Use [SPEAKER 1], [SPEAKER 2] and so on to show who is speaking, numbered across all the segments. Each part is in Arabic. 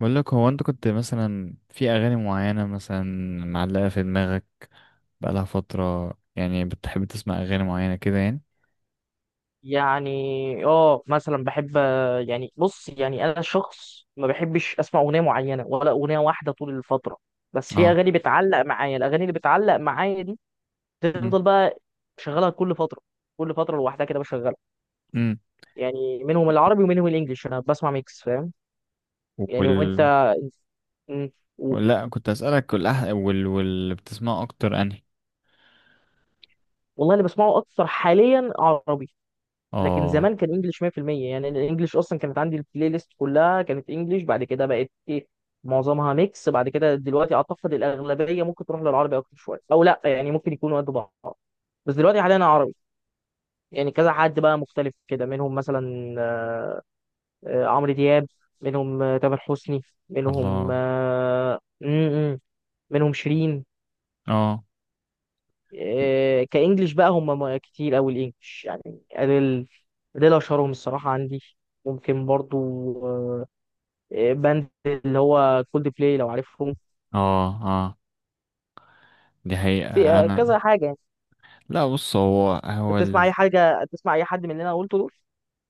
[SPEAKER 1] بقول لك هو انت كنت مثلا في اغاني معينه مثلا معلقه في دماغك بقالها فتره، يعني بتحب تسمع اغاني معينه كده يعني؟
[SPEAKER 2] يعني اه، مثلا بحب. يعني بص، يعني انا شخص ما بحبش اسمع اغنيه معينه ولا اغنيه واحده طول الفتره، بس في
[SPEAKER 1] اه.
[SPEAKER 2] اغاني بتعلق معايا. الاغاني اللي بتعلق معايا دي
[SPEAKER 1] امم
[SPEAKER 2] تفضل بقى شغالها كل فتره، كل فتره لوحدها كده بشغلها.
[SPEAKER 1] امم
[SPEAKER 2] يعني منهم العربي ومنهم الانجليش، انا بسمع ميكس، فاهم؟ يعني وانت؟
[SPEAKER 1] وال
[SPEAKER 2] مم. قول.
[SPEAKER 1] لا، كنت اسالك والأح... وال واللي بتسمعه اكتر انهي؟
[SPEAKER 2] والله اللي بسمعه اكتر حاليا عربي، لكن زمان
[SPEAKER 1] اه.
[SPEAKER 2] كان انجلش 100%. يعني الانجليش اصلا، كانت عندي البلاي ليست كلها كانت انجلش، بعد كده بقت ايه، معظمها ميكس، بعد كده دلوقتي اعتقد الاغلبيه ممكن تروح للعربي اكتر شويه، او لا يعني ممكن يكونوا قد بعض، بس دلوقتي حاليا عربي. يعني كذا حد بقى مختلف كده، منهم مثلا عمرو دياب، منهم تامر حسني، منهم
[SPEAKER 1] الله.
[SPEAKER 2] منهم شيرين،
[SPEAKER 1] اه.
[SPEAKER 2] كانجليش بقى هم، كتير قوي الانجليش، يعني اديل. اديل اشهرهم الصراحه عندي. ممكن برضو آه، باند اللي هو كولد بلاي لو عارفهم.
[SPEAKER 1] اه. اه. دي حقيقه.
[SPEAKER 2] في
[SPEAKER 1] انا
[SPEAKER 2] كذا حاجه يعني.
[SPEAKER 1] لا بص، هو
[SPEAKER 2] انت بتسمع اي حاجه؟ تسمع اي حد من اللي انا قلته دول؟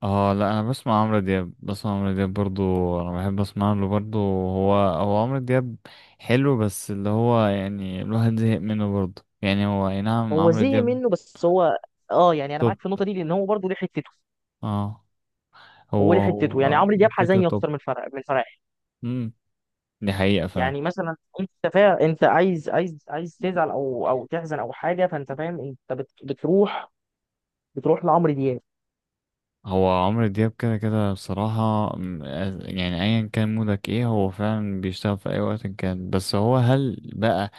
[SPEAKER 1] اه، لا، انا بسمع عمرو دياب، بسمع عمرو دياب برضو. انا بحب اسمع له برضو. هو عمرو دياب حلو، بس اللي هو يعني الواحد زهق منه برضو، يعني هو اي نعم
[SPEAKER 2] هو
[SPEAKER 1] عمرو
[SPEAKER 2] زهق
[SPEAKER 1] دياب
[SPEAKER 2] منه، بس هو اه، يعني انا
[SPEAKER 1] توب.
[SPEAKER 2] معاك في النقطه دي، لان هو برضه ليه حتته.
[SPEAKER 1] اه.
[SPEAKER 2] هو
[SPEAKER 1] هو
[SPEAKER 2] ليه حتته، يعني
[SPEAKER 1] هو
[SPEAKER 2] عمرو دياب
[SPEAKER 1] كده كده
[SPEAKER 2] حزيني
[SPEAKER 1] توب.
[SPEAKER 2] اكتر من فرح، من فرح.
[SPEAKER 1] امم دي حقيقة فعلا.
[SPEAKER 2] يعني مثلا انت انت عايز تزعل، او تحزن او حاجه، فانت فاهم، انت بتروح لعمرو دياب.
[SPEAKER 1] هو عمرو دياب كده كده بصراحة يعني ايا كان مودك ايه هو فعلا بيشتغل في اي وقت كان. بس هو هل بقى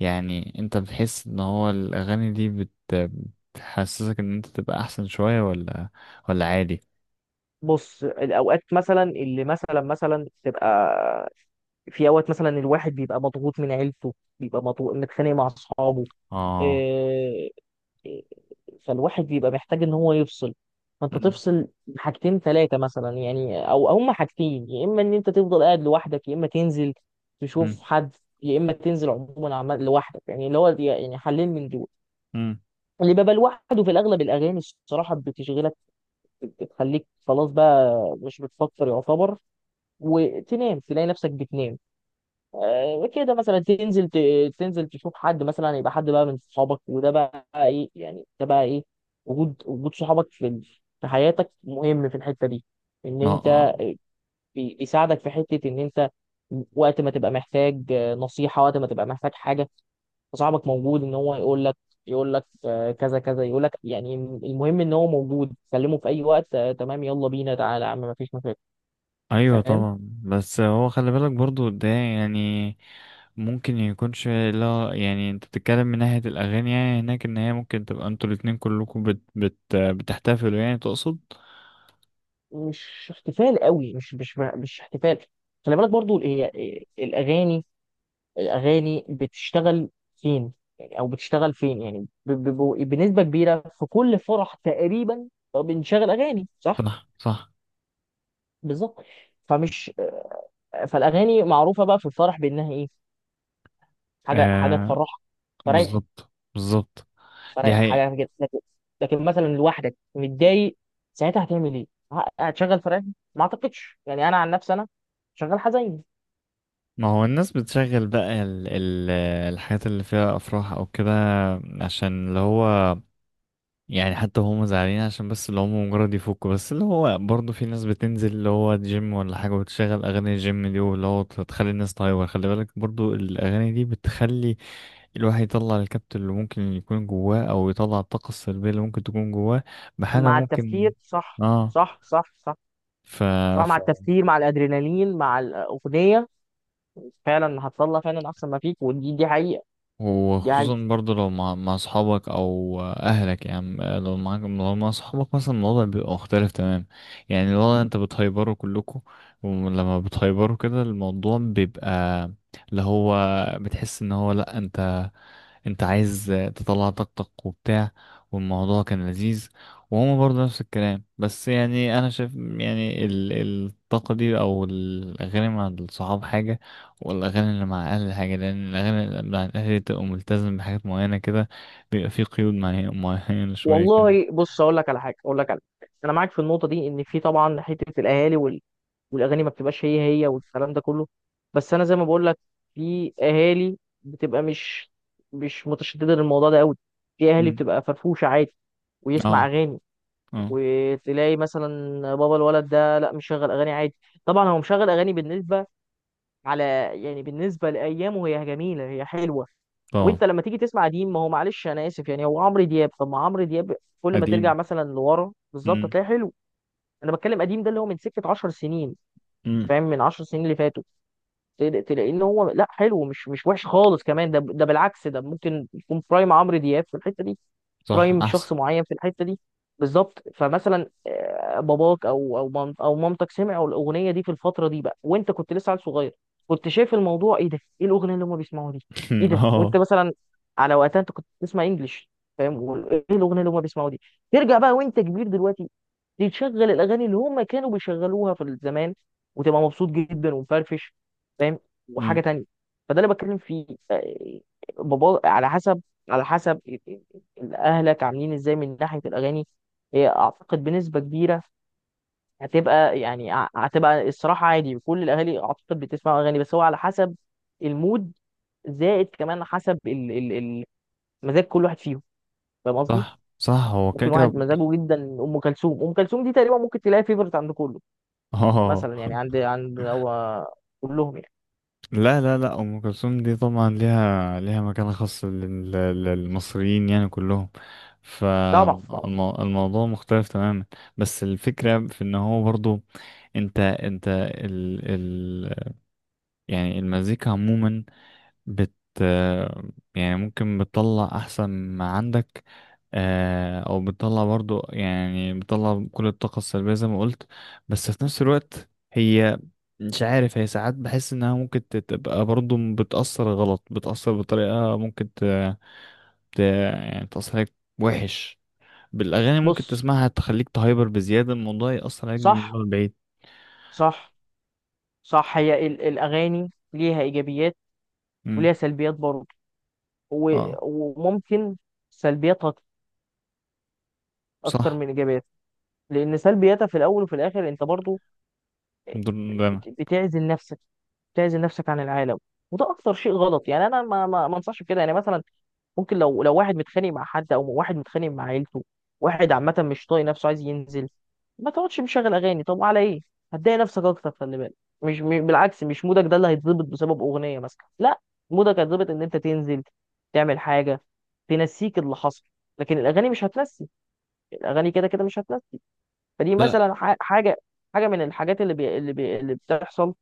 [SPEAKER 1] يعني انت بتحس ان هو الاغاني دي بتحسسك ان انت تبقى احسن شوية، ولا عادي؟
[SPEAKER 2] بص، الاوقات مثلا اللي مثلا تبقى، في اوقات مثلا الواحد بيبقى مضغوط من عيلته، بيبقى مضغوط، متخانق مع اصحابه،
[SPEAKER 1] اه.
[SPEAKER 2] إيه- إيه، فالواحد بيبقى محتاج ان هو يفصل، فانت
[SPEAKER 1] مم.
[SPEAKER 2] تفصل حاجتين ثلاثه مثلا. يعني او هما حاجتين، يا اما ان انت تفضل قاعد لوحدك، يا اما تنزل تشوف
[SPEAKER 1] مم.
[SPEAKER 2] حد، يا اما تنزل عموما عمال لوحدك، يعني اللي هو يعني حلين من دول.
[SPEAKER 1] مم.
[SPEAKER 2] اللي بيبقى لوحده في الاغلب الاغاني الصراحه بتشغلك، بتخليك خلاص بقى مش بتفكر يعتبر، وتنام، تلاقي نفسك بتنام. كده مثلا تنزل، تنزل تشوف حد، مثلا يبقى حد بقى من صحابك، وده بقى ايه يعني، ده بقى ايه؟ وجود صحابك في حياتك مهم في الحتة دي، ان
[SPEAKER 1] اه.
[SPEAKER 2] انت
[SPEAKER 1] آه.
[SPEAKER 2] بيساعدك في حتة ان انت وقت ما تبقى محتاج نصيحة، وقت ما تبقى محتاج حاجة، صاحبك موجود ان هو يقول لك كذا كذا، يقول لك يعني، المهم ان هو موجود، كلمه في اي وقت تمام، يلا بينا، تعالى يا عم، مفيش مشاكل،
[SPEAKER 1] ايوه
[SPEAKER 2] فاهم؟
[SPEAKER 1] طبعا، بس هو خلي بالك برضو ده يعني ممكن يكونش، لا يعني انت بتتكلم من ناحية الاغاني، يعني هناك ان هي ممكن تبقى انتوا الاتنين كلكم بتحتفلوا يعني، تقصد؟
[SPEAKER 2] مش احتفال قوي، مش احتفال، خلي بالك برضو. هي الاغاني، الاغاني بتشتغل فين؟ يعني او بتشتغل فين يعني بنسبه كبيره، في كل فرح تقريبا بنشغل اغاني، صح؟
[SPEAKER 1] صح، صح.
[SPEAKER 2] بالظبط. فمش فالاغاني معروفه بقى في الفرح بانها ايه، حاجه، حاجه
[SPEAKER 1] آه،
[SPEAKER 2] تفرحك، فريح،
[SPEAKER 1] بالظبط بالظبط. دي
[SPEAKER 2] فرق
[SPEAKER 1] حقيقة.
[SPEAKER 2] حاجه كده، لكن، لكن مثلا لوحدك متضايق ساعتها، هتعمل ايه؟ هتشغل فرح؟ ما اعتقدش، يعني انا عن نفسي انا شغال حزين.
[SPEAKER 1] ما هو الناس بتشغل بقى ال الحاجات اللي فيها أفراح أو كده، عشان اللي هو يعني حتى هم زعلانين عشان بس اللي هم مجرد يفكوا. بس اللي هو برضه في ناس بتنزل اللي هو جيم ولا حاجة وتشغل أغاني الجيم دي، واللي هو تخلي الناس تهايبر. خلي بالك برضه الأغاني دي بتخلي الواحد يطلع الكبت اللي ممكن يكون جواه، أو يطلع الطاقة السلبية اللي ممكن تكون جواه بحاجة
[SPEAKER 2] مع التفكير،
[SPEAKER 1] ممكن.
[SPEAKER 2] صح،
[SPEAKER 1] اه.
[SPEAKER 2] صح، صح، صح،
[SPEAKER 1] ف...
[SPEAKER 2] صح. مع التفكير، مع الادرينالين، مع الاغنيه، فعلا هتطلع فعلا احسن ما فيك، ودي، دي حقيقه، دي حقيقه.
[SPEAKER 1] وخصوصا برضو لو مع اصحابك او اهلك، يعني لو معاك لو مع اصحابك مثلا الوضع بيبقى مختلف تمام. يعني الوضع انت بتهيبروا كلكم، ولما بتهيبروا كده الموضوع بيبقى اللي هو بتحس ان هو لا، انت عايز تطلع طاقتك وبتاع، والموضوع كان لذيذ. وهما برضه نفس الكلام. بس يعني انا شايف يعني الطاقة دي او الاغاني مع الصحاب حاجة، والأغاني اللي مع أهل الحاجة، لأن الأغاني اللي مع الأهل دي بتبقى ملتزم بحاجات معينة كده، بيبقى في قيود معينة شوية كده.
[SPEAKER 2] والله بص، اقول لك على حاجه، اقول لك على حاجه، انا معاك في النقطه دي، ان في طبعا حته الاهالي، والاغاني ما بتبقاش هي هي، والكلام ده كله. بس انا زي ما بقول لك، في اهالي بتبقى مش متشدده للموضوع ده قوي، في اهالي
[SPEAKER 1] مم.
[SPEAKER 2] بتبقى فرفوشه عادي ويسمع
[SPEAKER 1] اه.
[SPEAKER 2] اغاني.
[SPEAKER 1] اه.
[SPEAKER 2] وتلاقي مثلا بابا الولد ده لا، مشغل اغاني عادي. طبعا هو مشغل اغاني بالنسبه، على، يعني بالنسبه لايامه هي جميله، هي حلوه.
[SPEAKER 1] طبعا.
[SPEAKER 2] وانت لما تيجي تسمع قديم، ما هو معلش انا اسف، يعني هو عمرو دياب، طب ما عمرو دياب كل ما ترجع
[SPEAKER 1] قديم.
[SPEAKER 2] مثلا لورا بالظبط
[SPEAKER 1] مم.
[SPEAKER 2] هتلاقيه حلو. انا بتكلم قديم ده اللي هو من سكه 10 سنين،
[SPEAKER 1] مم.
[SPEAKER 2] فاهم، من 10 سنين اللي فاتوا. تلاقيه ان هو لا، حلو، مش وحش خالص، كمان ده بالعكس، ده ممكن يكون برايم عمرو دياب في الحته دي.
[SPEAKER 1] صح،
[SPEAKER 2] برايم
[SPEAKER 1] أحسن.
[SPEAKER 2] شخص معين في الحته دي، بالظبط. فمثلا باباك او او مامتك سمعوا الاغنيه دي في الفتره دي بقى، وانت كنت لسه عيل صغير، كنت شايف الموضوع ايه ده، ايه الاغنيه اللي هم بيسمعوها دي، ايه ده. وانت
[SPEAKER 1] اه.
[SPEAKER 2] مثلا على وقتها انت كنت بتسمع انجلش، فاهم؟ ايه الاغنيه اللي هم بيسمعوها دي؟ ترجع بقى وانت كبير دلوقتي، تشغل الاغاني اللي هم كانوا بيشغلوها في الزمان، وتبقى مبسوط جدا ومفرفش، فاهم؟
[SPEAKER 1] مم.
[SPEAKER 2] وحاجه تانية. فده اللي بتكلم فيه، آه، بابا على حسب، على حسب اهلك عاملين ازاي من ناحيه الاغاني، هي اعتقد بنسبه كبيره هتبقى يعني، هتبقى الصراحه عادي، كل الاهالي اعتقد بتسمع اغاني، بس هو على حسب المود، زائد كمان حسب مزاج كل واحد فيهم، فاهم قصدي؟
[SPEAKER 1] صح صح. هو كده
[SPEAKER 2] ممكن
[SPEAKER 1] كده.
[SPEAKER 2] واحد مزاجه جدا ام كلثوم. ام كلثوم دي تقريبا ممكن تلاقي فيفرت عند كله،
[SPEAKER 1] اه،
[SPEAKER 2] مثلا، يعني عند هو كلهم يعني.
[SPEAKER 1] لا، ام كلثوم دي طبعا ليها مكانه خاصه للمصريين يعني كلهم،
[SPEAKER 2] طبعا، طبعا.
[SPEAKER 1] فالموضوع مختلف تماما. بس الفكره في ان هو برضو انت ال ال يعني المزيكا عموما بت آه، يعني ممكن بتطلع احسن ما عندك، آه، او بتطلع برضو يعني بتطلع كل الطاقة السلبية زي ما قلت. بس في نفس الوقت هي، مش عارف، هي ساعات بحس انها ممكن تبقى برضو بتأثر غلط، بتأثر بطريقة ممكن يعني تأثر عليك وحش. بالاغاني ممكن
[SPEAKER 2] بص،
[SPEAKER 1] تسمعها تخليك تهايبر بزيادة، الموضوع يأثر عليك
[SPEAKER 2] صح،
[SPEAKER 1] من بعيد.
[SPEAKER 2] صح، صح. هي الأغاني ليها إيجابيات
[SPEAKER 1] مم.
[SPEAKER 2] وليها سلبيات برضه، و-
[SPEAKER 1] اه.
[SPEAKER 2] وممكن سلبياتها أكتر
[SPEAKER 1] صح.
[SPEAKER 2] من إيجابياتها، لأن سلبياتها في الأول وفي الآخر أنت برضه
[SPEAKER 1] ده
[SPEAKER 2] بتعزل نفسك، بتعزل نفسك عن العالم. وده اكتر شيء غلط، يعني انا ما انصحش بكده. يعني مثلا ممكن لو واحد متخانق مع حد، او واحد متخانق مع عيلته، واحد عامه مش طايق نفسه، عايز ينزل، ما تقعدش مشغل اغاني، طب على ايه؟ هتضايق نفسك اكتر، خلي بالك. مش بالعكس، مش مودك ده اللي هيتظبط بسبب اغنيه مثلا، لا. مودك هيتظبط ان انت تنزل، تعمل حاجه تنسيك اللي حصل، لكن الاغاني مش هتنسي، الاغاني كده كده مش هتنسي. فدي
[SPEAKER 1] أنا.
[SPEAKER 2] مثلا حاجه من الحاجات اللي بتحصل،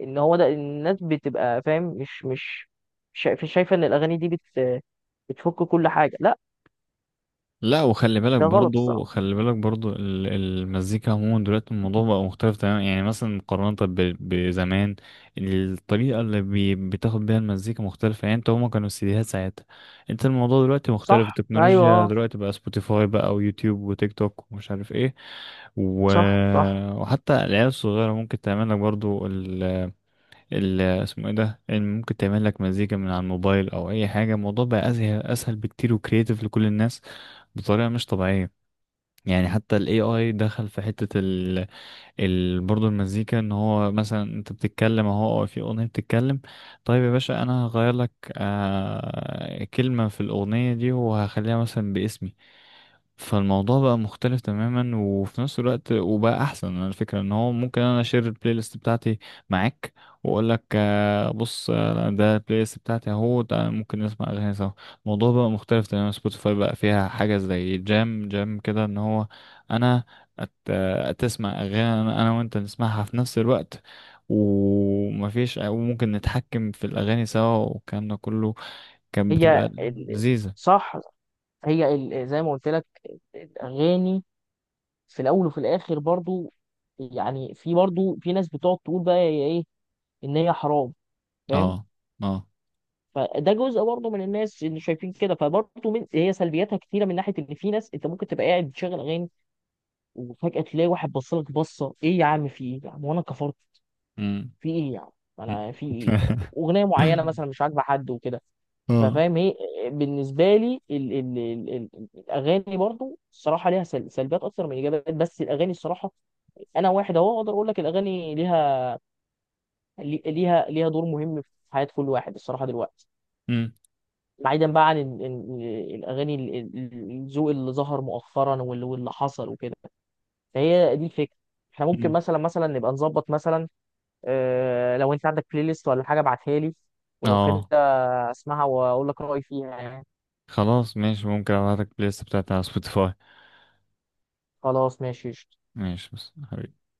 [SPEAKER 2] ان هو ده الناس بتبقى فاهم، مش شايفه ان الاغاني دي بتفك كل حاجه، لا،
[SPEAKER 1] لا، وخلي بالك
[SPEAKER 2] ده غلط
[SPEAKER 1] برضو،
[SPEAKER 2] الصراحه.
[SPEAKER 1] خلي بالك برضو المزيكا عموما دلوقتي الموضوع بقى مختلف تماما، يعني مثلا مقارنة بزمان. الطريقة اللي بتاخد بيها المزيكا مختلفة، يعني انت هما كانوا السيديهات ساعتها. انت الموضوع دلوقتي مختلف،
[SPEAKER 2] صح، ايوه،
[SPEAKER 1] التكنولوجيا دلوقتي، بقى سبوتيفاي بقى ويوتيوب وتيك توك ومش عارف ايه و...
[SPEAKER 2] صح، صح.
[SPEAKER 1] وحتى العيال الصغيرة ممكن تعمل لك برضو اسمه ايه ده، ممكن تعمل لك مزيكا من على الموبايل او اي حاجة. الموضوع بقى اسهل، اسهل بكتير، وكرييتيف لكل الناس بطريقة مش طبيعية. يعني حتى ال AI دخل في حتة برضه المزيكا، ان هو مثلا انت بتتكلم اهو، أو في اغنية بتتكلم، طيب يا باشا انا هغير لك آه... كلمة في الاغنية دي وهخليها مثلا باسمي. فالموضوع بقى مختلف تماما، وفي نفس الوقت وبقى احسن. انا الفكره ان هو ممكن انا اشير البلاي ليست بتاعتي معاك، واقول لك آه، بص، آه، ده البلاي ليست بتاعتي اهو، تعالى ممكن نسمع اغاني سوا. الموضوع بقى مختلف تماما، سبوتيفاي بقى فيها حاجه زي جام جام كده، ان هو انا آه، تسمع اغاني انا، وانت نسمعها في نفس الوقت، ومفيش، وممكن نتحكم في الاغاني سوا والكلام ده كله. كانت بتبقى
[SPEAKER 2] هي
[SPEAKER 1] لذيذه.
[SPEAKER 2] صح، هي زي ما قلت لك، الاغاني في الاول وفي الاخر برضو، يعني في برضو في ناس بتقعد تقول بقى هي ايه، ان هي حرام، فاهم.
[SPEAKER 1] اه.
[SPEAKER 2] فده جزء برضه من الناس اللي شايفين كده، فبرضه من هي سلبياتها كتيره، من ناحيه ان في ناس انت ممكن تبقى قاعد بتشغل اغاني، وفجأة تلاقي واحد بصلك بصة، ايه يا عم، في ايه يا عم، وانا كفرت،
[SPEAKER 1] اه.
[SPEAKER 2] في ايه يا عم،
[SPEAKER 1] مم.
[SPEAKER 2] انا في ايه، اغنية معينة مثلا مش عاجبة حد وكده.
[SPEAKER 1] اه.
[SPEAKER 2] ففاهم، هي بالنسبة لي ال ال ال ال الاغاني برضو الصراحة ليها سلبيات اكتر من ايجابيات، بس الاغاني الصراحة، انا واحد اهو اقدر اقول لك الاغاني ليها، ليها دور مهم في حياة كل واحد الصراحة دلوقتي،
[SPEAKER 1] مم.
[SPEAKER 2] بعيدا بقى عن الاغاني، الذوق اللي ظهر مؤخرا واللي حصل وكده. فهي دي الفكره، احنا ممكن
[SPEAKER 1] مم.
[SPEAKER 2] مثلا نبقى نظبط مثلا، لو انت عندك بلاي ليست ولا حاجه ابعتها لي، ولو كده
[SPEAKER 1] اه.
[SPEAKER 2] اسمعها واقول لك رايي فيها يعني.
[SPEAKER 1] خلاص ماشي، ممكن ابعتلك البلاي ليست بتاعتي على سبوتيفاي.
[SPEAKER 2] خلاص ماشي.
[SPEAKER 1] ماشي، بس حبيبي.